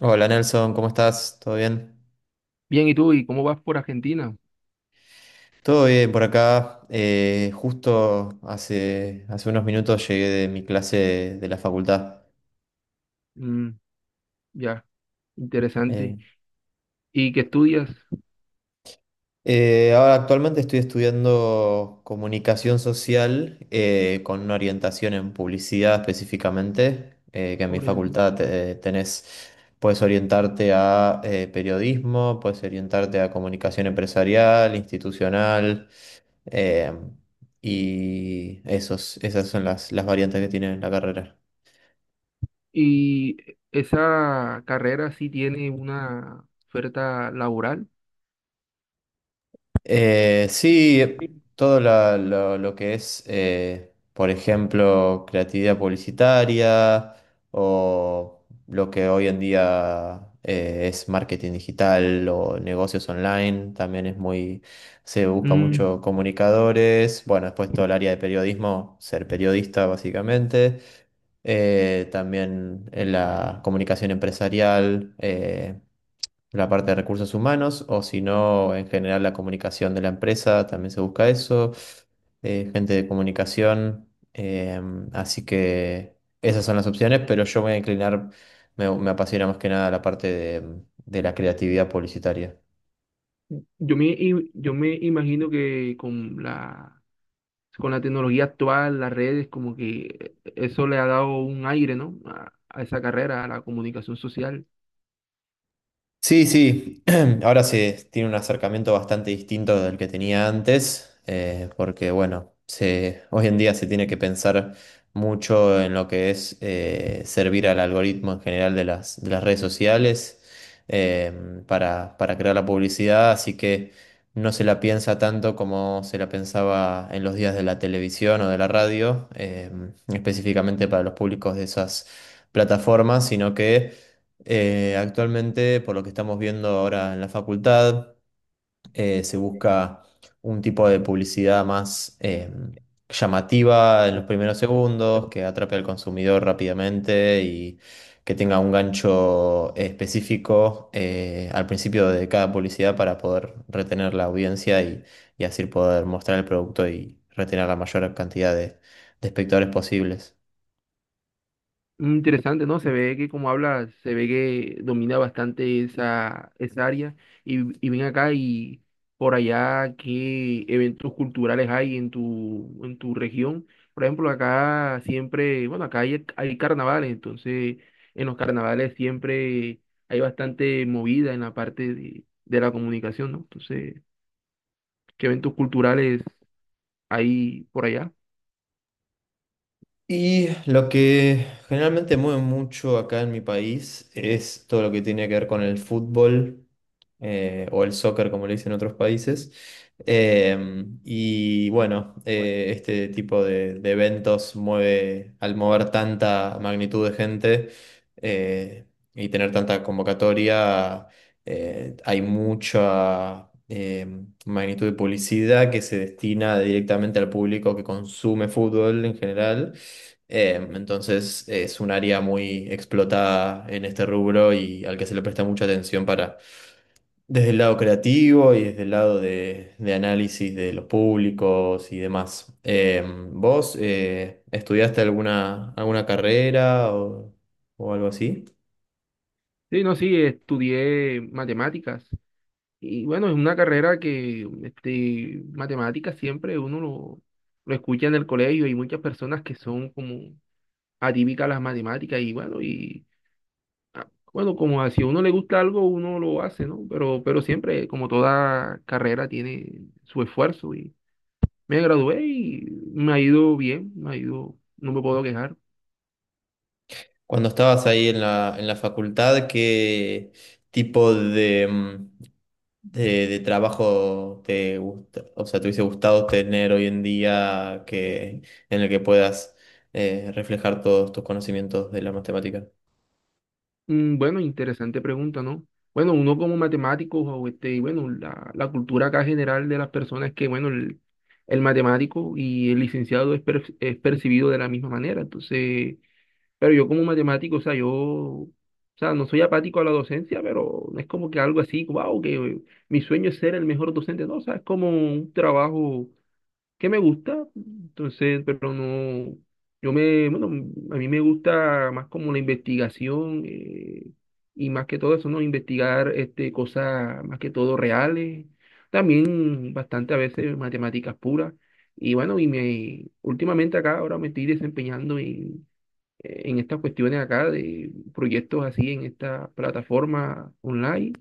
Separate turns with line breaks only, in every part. Hola Nelson, ¿cómo estás? ¿Todo bien?
Bien, ¿y tú? ¿Y cómo vas por Argentina?
Todo bien por acá. Justo hace unos minutos llegué de mi clase de la facultad.
Mm, ya,
Eh,
interesante. ¿Y qué estudias?
Ahora actualmente estoy estudiando comunicación social con una orientación en publicidad específicamente, que en mi
Orientación.
facultad tenés, puedes orientarte a periodismo, puedes orientarte a comunicación empresarial, institucional. Eh, Esas son las variantes que tiene la carrera.
¿Y esa carrera sí tiene una oferta laboral?
Sí,
Sí.
todo lo que es, por ejemplo, creatividad publicitaria o lo que hoy en día es marketing digital o negocios online, también es se busca
Mm,
mucho comunicadores. Bueno, después todo el área de periodismo, ser periodista básicamente, también en la comunicación empresarial. La parte de recursos humanos, o si no, en general la comunicación de la empresa, también se busca eso, gente de comunicación, así que esas son las opciones, pero yo me voy a inclinar, me apasiona más que nada la parte de la creatividad publicitaria.
yo me imagino que con la tecnología actual, las redes, como que eso le ha dado un aire, ¿no? A esa carrera, a la comunicación social.
Sí, sí, ahora se tiene un acercamiento bastante distinto del que tenía antes, porque bueno, hoy en día se tiene que pensar mucho en lo que es servir al algoritmo en general de de las redes sociales, eh, para crear la publicidad, así que no se la piensa tanto como se la pensaba en los días de la televisión o de la radio, específicamente para los públicos de esas plataformas, sino que actualmente, por lo que estamos viendo ahora en la facultad, se busca un tipo de publicidad más llamativa en los primeros segundos, que atrape al consumidor rápidamente y que tenga un gancho específico al principio de cada publicidad para poder retener la audiencia, y así poder mostrar el producto y retener la mayor cantidad de espectadores posibles.
Interesante, ¿no? Se ve que como habla, se ve que domina bastante esa área. Y ven acá y por allá, ¿qué eventos culturales hay en tu región? Por ejemplo, acá siempre, bueno, acá hay carnavales, entonces en los carnavales siempre hay bastante movida en la parte de la comunicación, ¿no? Entonces, ¿qué eventos culturales hay por allá?
Y lo que generalmente mueve mucho acá en mi país es todo lo que tiene que ver con el fútbol, o el soccer, como le dicen en otros países. Y bueno, este tipo de eventos mueve, al mover tanta magnitud de gente eh, y tener tanta convocatoria, hay mucha magnitud de publicidad que se destina directamente al público que consume fútbol en general. Entonces es un área muy explotada en este rubro y al que se le presta mucha atención para, desde el lado creativo y desde el lado de análisis de los públicos y demás. ¿Vos estudiaste alguna carrera o algo así?
Sí, no, sí, estudié matemáticas. Y bueno, es una carrera que, este, matemáticas siempre uno lo escucha en el colegio. Hay muchas personas que son como atípicas a las matemáticas y bueno, y ah, bueno, como si a uno le gusta algo, uno lo hace, ¿no? Pero siempre, como toda carrera, tiene su esfuerzo y me gradué y me ha ido bien, me ha ido, no me puedo quejar.
Cuando estabas ahí en en la facultad, ¿qué tipo de, de trabajo te gusta? O sea, ¿te hubiese gustado tener hoy en día en el que puedas reflejar todos tus conocimientos de la matemática?
Mm. Bueno, interesante pregunta, ¿no? Bueno, uno como matemático, o este, y bueno, la cultura acá general de las personas es que, bueno, el matemático y el licenciado es percibido de la misma manera. Entonces, pero yo como matemático, o sea, yo, o sea, no soy apático a la docencia, pero no es como que algo así, wow, que mi sueño es ser el mejor docente, no, o sea, es como un trabajo que me gusta, entonces, pero no, bueno, a mí me gusta más como la investigación, y más que todo eso, ¿no? Investigar este, cosas más que todo reales, también bastante a veces matemáticas puras. Y bueno, últimamente acá ahora me estoy desempeñando en estas cuestiones acá de proyectos así en esta plataforma online.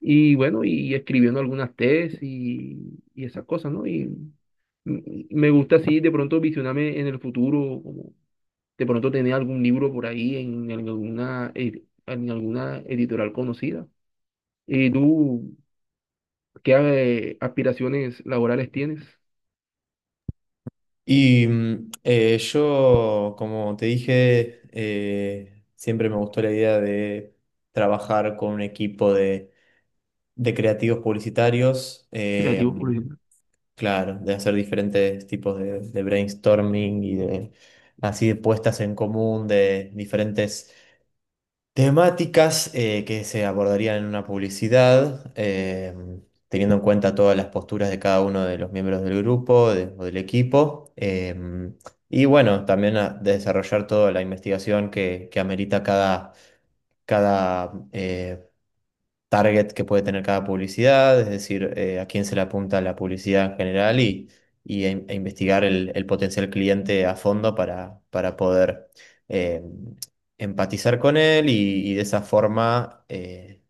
Y bueno, y escribiendo algunas tesis y esas cosas, ¿no? Y me gusta así de pronto visionarme en el futuro, como de pronto tener algún libro por ahí en alguna editorial conocida. ¿Y tú qué aspiraciones laborales tienes?
Yo, como te dije, siempre me gustó la idea de trabajar con un equipo de creativos publicitarios.
Creativo por ejemplo.
Claro, de hacer diferentes tipos de brainstorming y de, así, de puestas en común de diferentes temáticas que se abordarían en una publicidad, teniendo en cuenta todas las posturas de cada uno de los miembros del grupo de- o del equipo. Y bueno, también desarrollar toda la investigación que amerita cada target que puede tener cada publicidad, es decir, a quién se le apunta la publicidad en general, y a investigar el potencial cliente a fondo para poder eh, empatizar con él, y de esa forma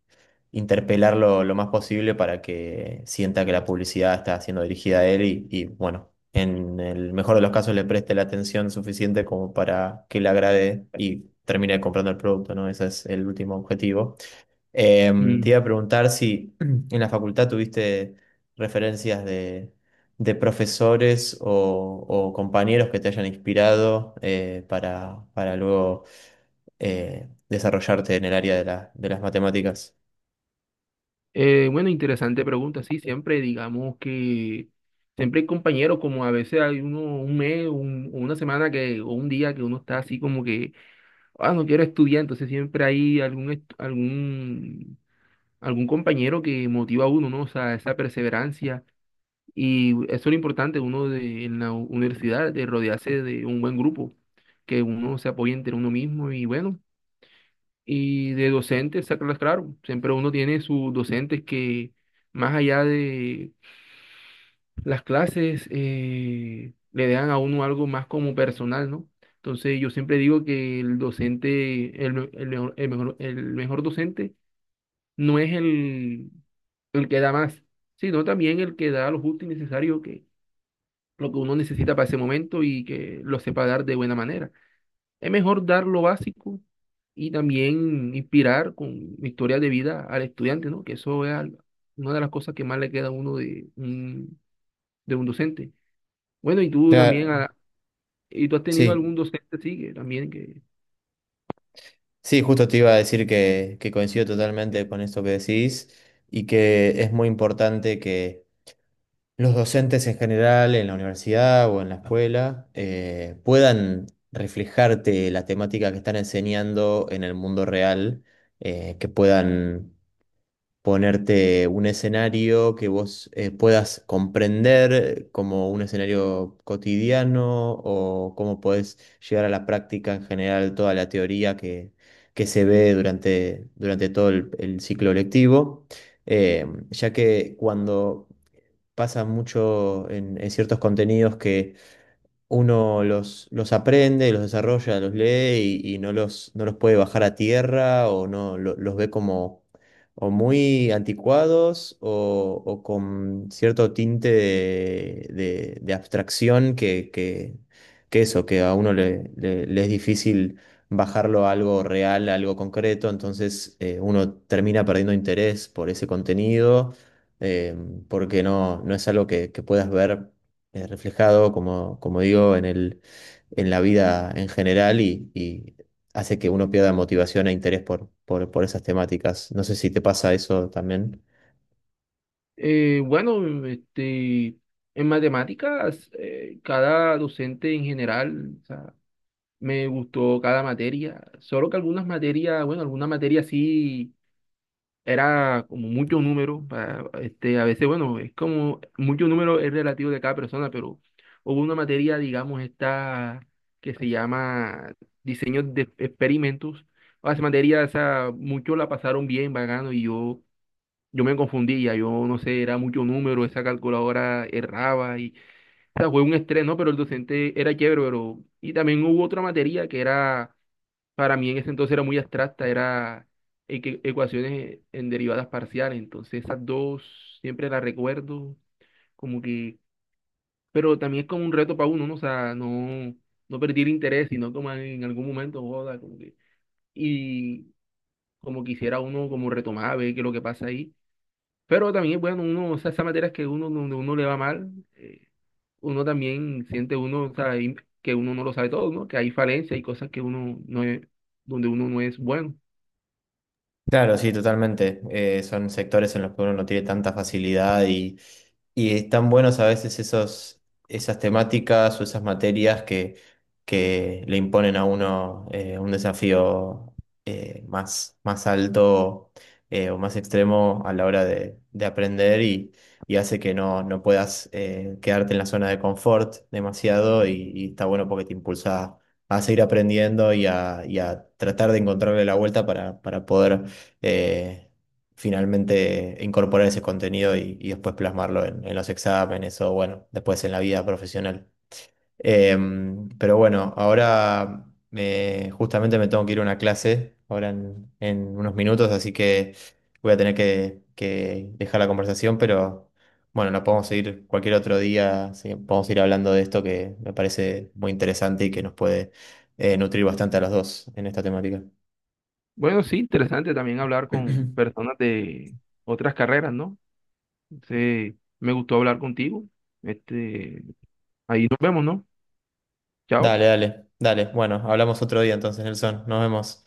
interpelarlo lo más posible para que sienta que la publicidad está siendo dirigida a él, y, bueno, en el mejor de los casos le preste la atención suficiente como para que le agrade y termine comprando el producto, ¿no? Ese es el último objetivo. Te
Mm.
iba a preguntar si en la facultad tuviste referencias de profesores o compañeros que te hayan inspirado para luego desarrollarte en el área de de las matemáticas.
Bueno, interesante pregunta. Sí, siempre digamos que siempre hay compañeros, como a veces hay uno un mes, o una semana que, o un día que uno está así como que no quiero estudiar, entonces siempre hay algún compañero que motiva a uno, ¿no? O sea, esa perseverancia. Y eso es lo importante, uno de, en la universidad, de rodearse de un buen grupo, que uno se apoye entre uno mismo y bueno. Y de docentes, sacarlas claro. Siempre uno tiene sus docentes que, más allá de las clases, le dan a uno algo más como personal, ¿no? Entonces yo siempre digo que el docente, el mejor docente no es el que da más, sino también el que da lo justo y necesario que lo que uno necesita para ese momento y que lo sepa dar de buena manera. Es mejor dar lo básico y también inspirar con historias de vida al estudiante, ¿no? Que eso es una de las cosas que más le queda a uno de un docente. Bueno, y tú también,
Claro,
y tú has tenido algún
sí,
docente, sí, que también que...
sí, justo te iba a decir que coincido totalmente con esto que decís, y que es muy importante que los docentes en general, en la universidad o en la escuela, puedan reflejarte la temática que están enseñando en el mundo real, que puedan ponerte un escenario que vos puedas comprender como un escenario cotidiano, o cómo podés llevar a la práctica en general toda la teoría que se ve durante todo el ciclo lectivo, ya que cuando... pasa mucho en ciertos contenidos que uno los aprende, los desarrolla, los lee y no los puede bajar a tierra, o no los ve como o muy anticuados, o con cierto tinte de abstracción que eso, que a uno le es difícil bajarlo a algo real, a algo concreto. Entonces, uno termina perdiendo interés por ese contenido, eh, porque no, no es algo que puedas ver reflejado, como, como digo, en en la vida en general, y hace que uno pierda motivación e interés por esas temáticas. No sé si te pasa eso también.
bueno, este, en matemáticas, cada docente en general, o sea, me gustó cada materia, solo que algunas materias, bueno, alguna materia sí era como mucho número, para, este, a veces, bueno, es como mucho número es relativo de cada persona, pero hubo una materia, digamos, esta que se llama diseño de experimentos. O sea, esa materia, o sea, muchos la pasaron bien, vagando, y yo, me confundía, yo no sé, era mucho número, esa calculadora erraba, y, o sea, fue un estrés, ¿no? Pero el docente era chévere, pero, y también hubo otra materia que era para mí en ese entonces era muy abstracta, era ecuaciones en derivadas parciales, entonces esas dos siempre las recuerdo, como que, pero también es como un reto para uno, ¿no? O sea, no, no perder interés, sino como en algún momento, joda, como que, y como quisiera uno como retomar, ver qué es lo que pasa ahí, pero también, bueno, uno, o sea, esas materias que uno, donde uno le va mal, eh, uno también siente uno, o sea, ahí que uno no lo sabe todo, ¿no? Que hay falencias y cosas que uno no es, donde uno no es bueno.
Claro, sí, totalmente. Son sectores en los que uno no tiene tanta facilidad, y Y están buenos a veces esos, esas temáticas o esas materias que le imponen a uno un desafío eh, más alto, o más extremo a la hora de aprender, y hace que no, no puedas quedarte en la zona de confort demasiado, y está bueno porque te impulsa a seguir aprendiendo, y a tratar de encontrarle la vuelta para poder... eh, finalmente incorporar ese contenido, y después plasmarlo en los exámenes o, bueno, después en la vida profesional. Pero bueno, ahora justamente me tengo que ir a una clase ahora en unos minutos, así que voy a tener que dejar la conversación, pero bueno, la podemos seguir cualquier otro día. Sí, podemos ir hablando de esto que me parece muy interesante y que nos puede nutrir bastante a los dos en esta temática.
Bueno, sí, interesante también hablar con personas de otras carreras, ¿no? Entonces, me gustó hablar contigo. Este, ahí nos vemos, ¿no? Chao.
Dale, dale, dale. Bueno, hablamos otro día entonces, Nelson. Nos vemos.